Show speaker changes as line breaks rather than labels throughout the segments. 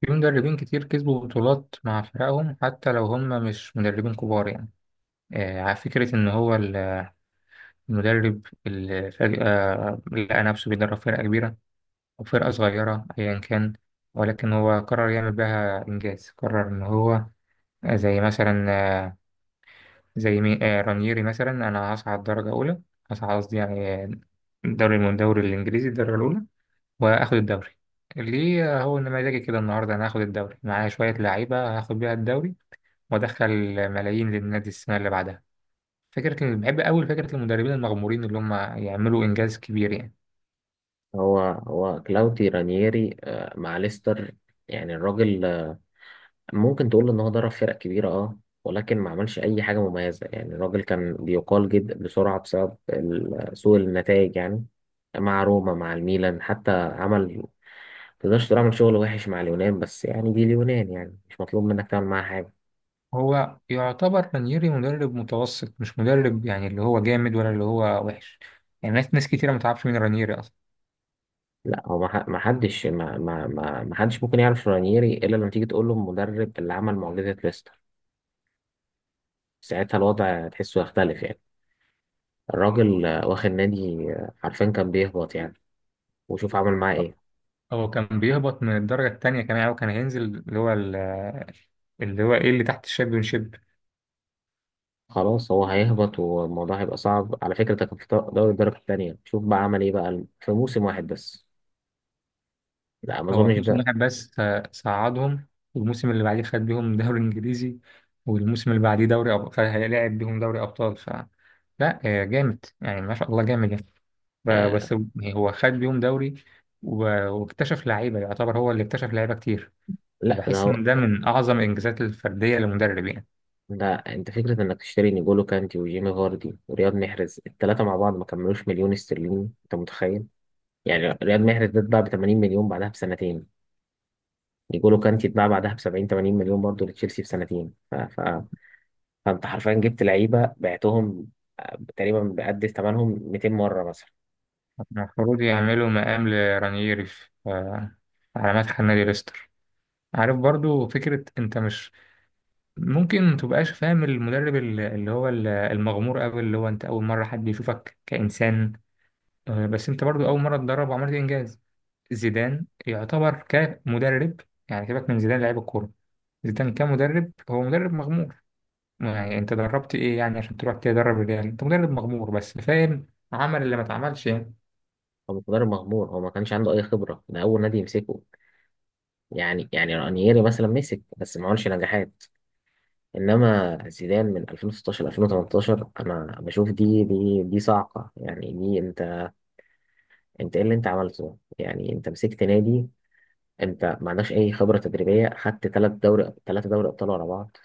في مدربين كتير كسبوا بطولات مع فرقهم حتى لو هم مش مدربين كبار يعني. على فكرة إن هو المدرب اللي فجأة لقى نفسه بيدرب فرقة كبيرة أو فرقة صغيرة أيا كان، ولكن هو قرر يعمل بها إنجاز، قرر إن هو زي مثلا آه، زي رانييري مثلا. أنا هصعد درجة أولى، هصعد قصدي يعني دوري من الدوري الإنجليزي الدرجة الأولى وآخد الدوري ليه؟ هو إن مزاجي كده النهاردة أنا هاخد الدوري معايا، شوية لعيبة هاخد بيها الدوري وادخل ملايين للنادي السنه اللي بعدها. بحب قوي فكره المدربين المغمورين اللي هم يعملوا انجاز كبير يعني.
هو كلاوتي رانييري مع ليستر. يعني الراجل، ممكن تقول ان هو درب فرق كبيره، ولكن ما عملش اي حاجه مميزه يعني. الراجل كان بيقال جدا بسرعه بسبب سوء النتائج يعني، مع روما، مع الميلان. حتى عمل، تقدرش تقول عمل شغل وحش مع اليونان، بس يعني دي اليونان يعني مش مطلوب منك تعمل معاها حاجه.
هو يعتبر رانييري مدرب متوسط، مش مدرب يعني اللي هو جامد ولا اللي هو وحش، يعني ناس كتيره ما تعرفش مين رانييري اصلا.
لا، هو ما ح- ما حدش ما ما ما ما حدش ممكن يعرف رانييري الا لما تيجي تقول له المدرب اللي عمل معجزه ليستر. ساعتها الوضع تحسه يختلف يعني. الراجل واخد نادي عارفين كان بيهبط يعني، وشوف عمل معاه ايه.
هو كان بيهبط من الدرجه التانية كمان، هو كان هينزل اللي هو ال- اللي هو ايه اللي تحت الشامبيونشيب.
خلاص هو هيهبط والموضوع هيبقى صعب. على فكرة ده كان في دوري الدرجة التانية، شوف بقى عمل ايه بقى في موسم واحد بس. لا، ما
هو في
اظنش
موسم
ده.
واحد بس صعدهم، والموسم اللي بعديه خد بيهم دوري انجليزي، والموسم اللي بعديه فهيلاعب بيهم دوري ابطال ف لا جامد يعني ما شاء الله، جامد يعني.
آه
بس يعني هو خد بيهم دوري واكتشف لعيبه، يعتبر هو اللي اكتشف لعيبه كتير،
لا، ده
فبحس ان
هو.
ده من اعظم الانجازات الفرديه للمدرب يعني.
ده انت فكرة انك تشتري نيجولو كانتي وجيمي فاردي ورياض محرز، التلاتة مع بعض ما كملوش مليون استرليني، انت متخيل؟ يعني رياض محرز ده اتباع ب 80 مليون بعدها بسنتين. نيجولو كانتي اتباع بعدها ب 70 80 مليون برضه لتشيلسي في سنتين. فانت حرفيا جبت لعيبه بعتهم، تقريبا بقد ثمنهم 200 مره مثلا.
المفروض يعملوا مقام لرانييري في على مدح النادي ليستر. عارف برضو فكره انت مش ممكن ما تبقاش فاهم المدرب المغمور قوي، اللي هو انت اول مره حد يشوفك كانسان، بس انت برضو اول مره تدرب وعملت انجاز. زيدان يعتبر كمدرب، يعني سيبك من زيدان لعيب الكوره، زيدان كمدرب هو مدرب مغمور. يعني انت دربت ايه يعني عشان تروح تدرب الريال؟ انت مدرب مغمور بس فاهم، عمل اللي ما اتعملش يعني.
هو مقدار مغمور، هو ما كانش عنده اي خبره، ده اول نادي يمسكه. يعني رانييري مثلا مسك بس ما عملش نجاحات. انما زيدان من 2016 2018 انا بشوف دي صاعقه يعني. دي انت، ايه اللي انت عملته؟ يعني انت مسكت نادي، انت ما عندكش اي خبره تدريبيه، خدت ثلاث دوري، ثلاثه دوري ابطال ورا بعض.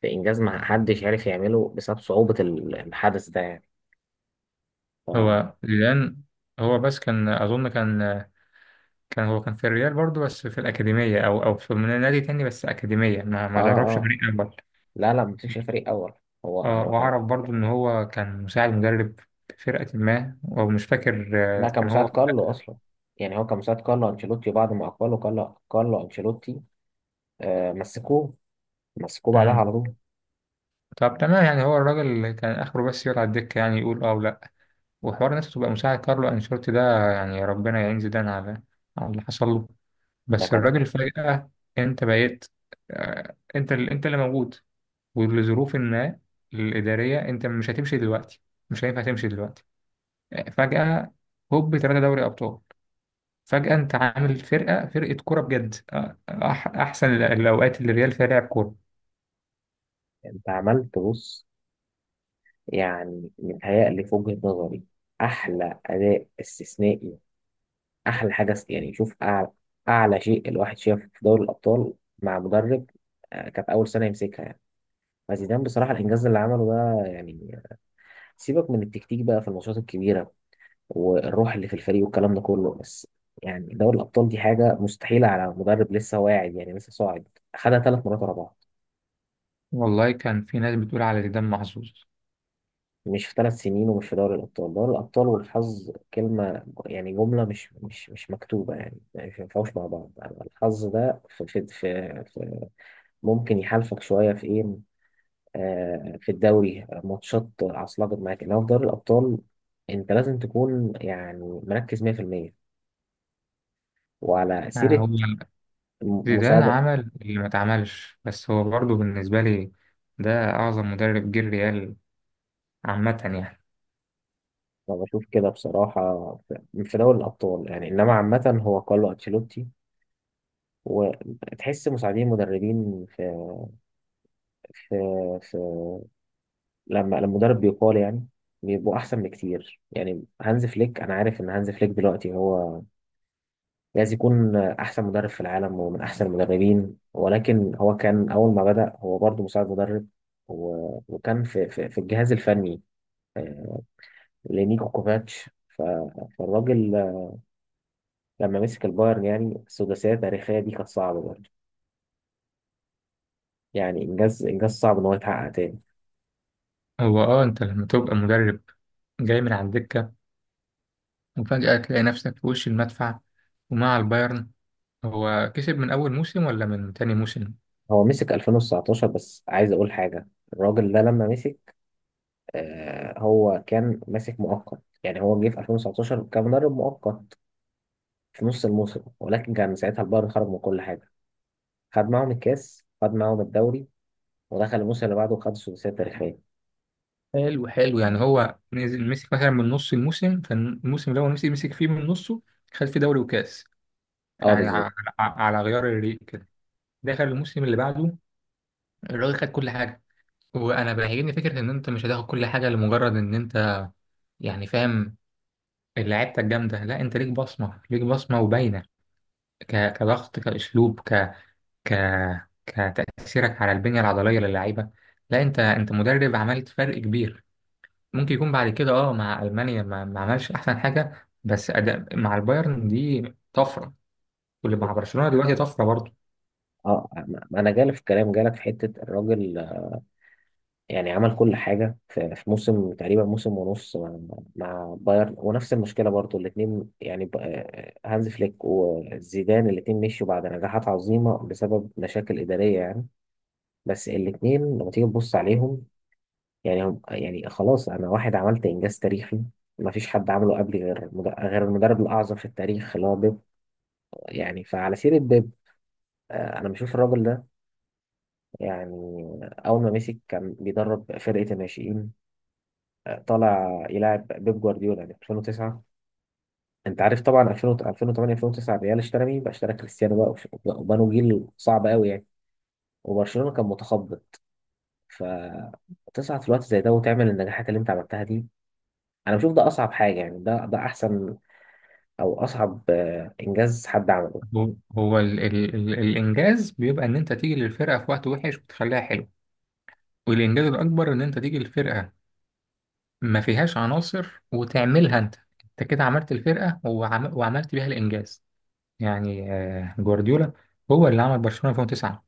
في انجاز ما حدش عارف يعمله بسبب صعوبه الحدث ده يعني. ف- اه
هو زيدان هو بس كان اظن كان، كان هو كان في الريال برضو بس في الاكاديميه او في نادي تاني بس اكاديميه، ما دربش
اه،
فريق اول.
لا ما مسكش فريق اول. هو انا
اه
بكلم.
واعرف برضو ان هو كان مساعد مدرب في فرقة ما ومش فاكر.
لا، كان
كان
مساعد
هو.
كارلو اصلا. يعني هو كان مساعد كارلو انشيلوتي، بعد ما اقبله كارلو انشيلوتي مسكوه. مسكوه بعدها
مم.
على طول.
طب تمام، يعني هو الراجل كان اخره بس يقعد على الدكة يعني، يقول اه ولا، وحوار الناس تبقى مساعد كارلو انشيلوتي ده، يعني ربنا يعين زيدان على على اللي حصل له.
ده
بس
كان،
الراجل فجأة انت بقيت، انت اللي موجود ولظروف ما الإدارية انت مش هتمشي دلوقتي، مش هينفع تمشي دلوقتي. فجأة هوب ثلاثة دوري ابطال، فجأة انت عامل فرقة كورة بجد. احسن الاوقات اللي الريال فيها لعب كورة.
انت عملت، بص يعني متهيألي في وجهة نظري احلى اداء استثنائي، احلى حاجه يعني شوف اعلى، اعلى شيء الواحد شافه في دوري الابطال مع مدرب، كانت اول سنه يمسكها يعني. فزيدان بصراحه الانجاز اللي عمله ده، يعني سيبك من التكتيك بقى في الماتشات الكبيره والروح اللي في الفريق والكلام ده كله، بس يعني دوري الأبطال دي حاجة مستحيلة على مدرب لسه واعد، يعني لسه صاعد. خدها ثلاث مرات ورا بعض،
والله كان في ناس بتقول على زيدان محظوظ.
مش في ثلاث سنين، ومش في دوري الأبطال. دوري الأبطال والحظ كلمة، يعني جملة مش مش مكتوبة يعني، يعني مش ينفعوش مع بعض. الحظ ده في ممكن يحالفك شوية في إيه، في الدوري، ماتشات عصلجت معاك، إنما في دوري الأبطال أنت لازم تكون يعني مركز 100%. وعلى سيرة
هو زيدان
مساعدة،
عمل اللي ما اتعملش، بس هو برضه بالنسبة لي ده اعظم مدرب جه الريال عامة يعني.
انا بشوف كده بصراحه في دوري الابطال يعني، انما عامه هو كارلو انشيلوتي. وتحس مساعدين مدربين في في في لما المدرب بيقال يعني بيبقوا احسن بكتير. يعني هانز فليك، انا عارف ان هانز فليك دلوقتي هو لازم يكون احسن مدرب في العالم ومن احسن المدربين، ولكن هو كان اول ما بدأ هو برضه مساعد مدرب، وكان في الجهاز الفني، آه، لنيكو كوفاتش. فالراجل لما مسك البايرن، يعني السداسية التاريخية دي كانت صعبة برضه. يعني إنجاز، إنجاز صعب إن هو يتحقق تاني.
هو اه انت لما تبقى مدرب جاي من على الدكة وفجأة تلاقي نفسك في وش المدفع ومع البايرن، هو كسب من اول موسم ولا من تاني موسم؟
هو مسك 2019. بس عايز أقول حاجة، الراجل ده لما مسك، هو كان ماسك مؤقت. يعني هو جه في 2019 كان مدرب مؤقت في نص الموسم، ولكن كان ساعتها البايرن خرج من كل حاجة. خد معاهم الكاس، خد معاهم الدوري، ودخل الموسم اللي بعده وخد السداسية التاريخية.
حلو حلو، يعني هو نزل مسك مثلا من نص الموسم، كان الموسم اللي هو مسك فيه من نصه خد فيه دوري وكاس،
اه،
يعني
بالظبط.
على، على غيار الريق كده، دخل الموسم اللي بعده الراجل خد كل حاجه. وانا بيعجبني فكره ان انت مش هتاخد كل حاجه لمجرد ان انت، يعني فاهم، لعيبتك جامده. لا، انت ليك بصمه، ليك بصمه وباينه كضغط، كاسلوب، ك ك كتاثيرك على البنيه العضليه للعيبه. لا، انت مدرب عملت فرق كبير. ممكن يكون بعد كده اه مع المانيا ما عملش احسن حاجه، بس أداء مع البايرن دي طفره، واللي مع برشلونه دلوقتي طفره برضه.
اه، ما انا جالي في الكلام جالك في حته، الراجل يعني عمل كل حاجة في موسم تقريبا، موسم ونص مع، مع بايرن. ونفس المشكلة برضو الاتنين، يعني هانز فليك وزيدان الاتنين مشوا بعد نجاحات عظيمة بسبب مشاكل إدارية يعني. بس الاتنين لما تيجي تبص عليهم يعني، هم يعني خلاص أنا واحد عملت إنجاز تاريخي ما فيش حد عمله قبلي غير غير المدرب الأعظم في التاريخ اللي هو بيب. يعني فعلى سيرة بيب، أنا بشوف الراجل ده، يعني أول ما مسك كان بيدرب فرقة الناشئين، طالع يلاعب بيب جوارديولا في 2009. انت عارف طبعا 2000 2008 2009 الريال اشترى مين بقى؟ اشترى كريستيانو بقى وبنوا جيل صعب قوي يعني. وبرشلونة كان متخبط. فتصعد في الوقت زي ده وتعمل النجاحات اللي انت عملتها دي، انا بشوف ده اصعب حاجة يعني. ده احسن، او اصعب، انجاز حد عمله.
هو, هو ال الانجاز بيبقى ان انت تيجي للفرقه في وقت وحش وتخليها حلو، والانجاز الاكبر ان انت تيجي للفرقه ما فيهاش عناصر وتعملها انت. انت كده عملت الفرقه وعملت بيها الانجاز. يعني جوارديولا هو اللي عمل برشلونه 2009،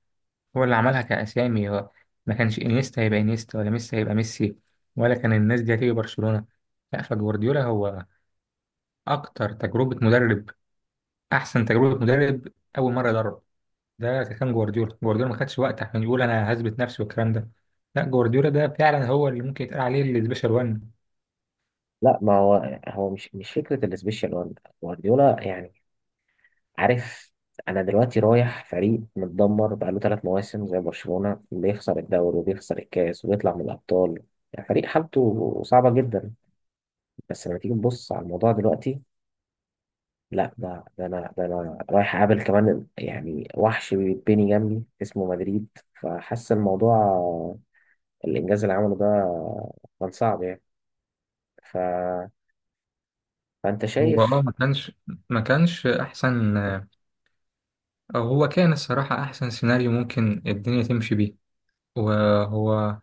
هو اللي عملها كأسامي، هو ما كانش انيستا هيبقى انيستا ولا ميسي هيبقى ميسي، ولا كان الناس دي هتيجي برشلونة. لا، فجوارديولا هو أكتر تجربة مدرب أحسن تجربة مدرب، أول مرة يدرب. ده كان جوارديولا. ما خدش وقت عشان يقول أنا هثبت نفسي والكلام ده، لا جوارديولا ده فعلا هو اللي ممكن يتقال عليه السبيشال وان.
لا، ما هو هو مش فكرة السبيشال وان. جوارديولا يعني، عارف، انا دلوقتي رايح فريق متدمر بقاله ثلاث مواسم زي برشلونة، بيخسر الدوري وبيخسر الكاس وبيطلع من الابطال، يعني فريق حالته صعبة جدا. بس لما تيجي تبص على الموضوع دلوقتي، لا، ده انا رايح اقابل كمان يعني وحش بيتبني جنبي اسمه مدريد، فحاسس الموضوع الانجاز اللي عمله ده كان صعب يعني. ف... فانت
هو اه
شايف.
ما كانش احسن، أو هو كان الصراحة احسن سيناريو ممكن الدنيا تمشي بيه. وهو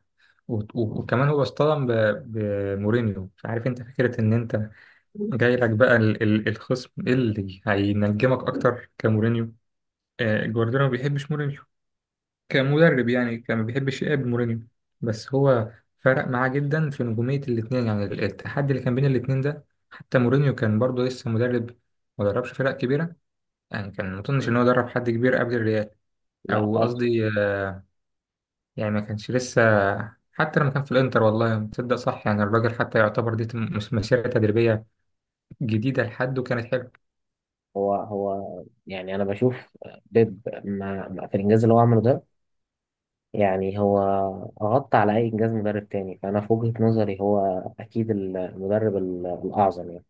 وكمان هو اصطدم بمورينيو، فعارف انت فكرة ان انت جاي لك بقى الخصم اللي هينجمك اكتر كمورينيو. جوارديولا ما بيحبش مورينيو كمدرب، يعني كان ما بيحبش يقابل مورينيو. بس هو فرق معاه جدا في نجومية الاتنين، يعني التحدي اللي كان بين الاتنين ده، حتى مورينيو كان برضه لسه مدرب، ما دربش فرق كبيرة، يعني كان ما اظنش ان هو درب حد كبير قبل الريال،
لا،
او
خالص.
قصدي يعني ما كانش لسه. حتى لما كان في الانتر والله تصدق صح، يعني الراجل حتى يعتبر دي مش مسيرة تدريبية جديدة لحد، وكانت حلوة.
هو يعني انا بشوف بيب، في الانجاز اللي هو عمله ده، يعني هو غطى على أي إنجاز مدرب تاني. فأنا في وجهة نظري هو أكيد المدرب الأعظم يعني.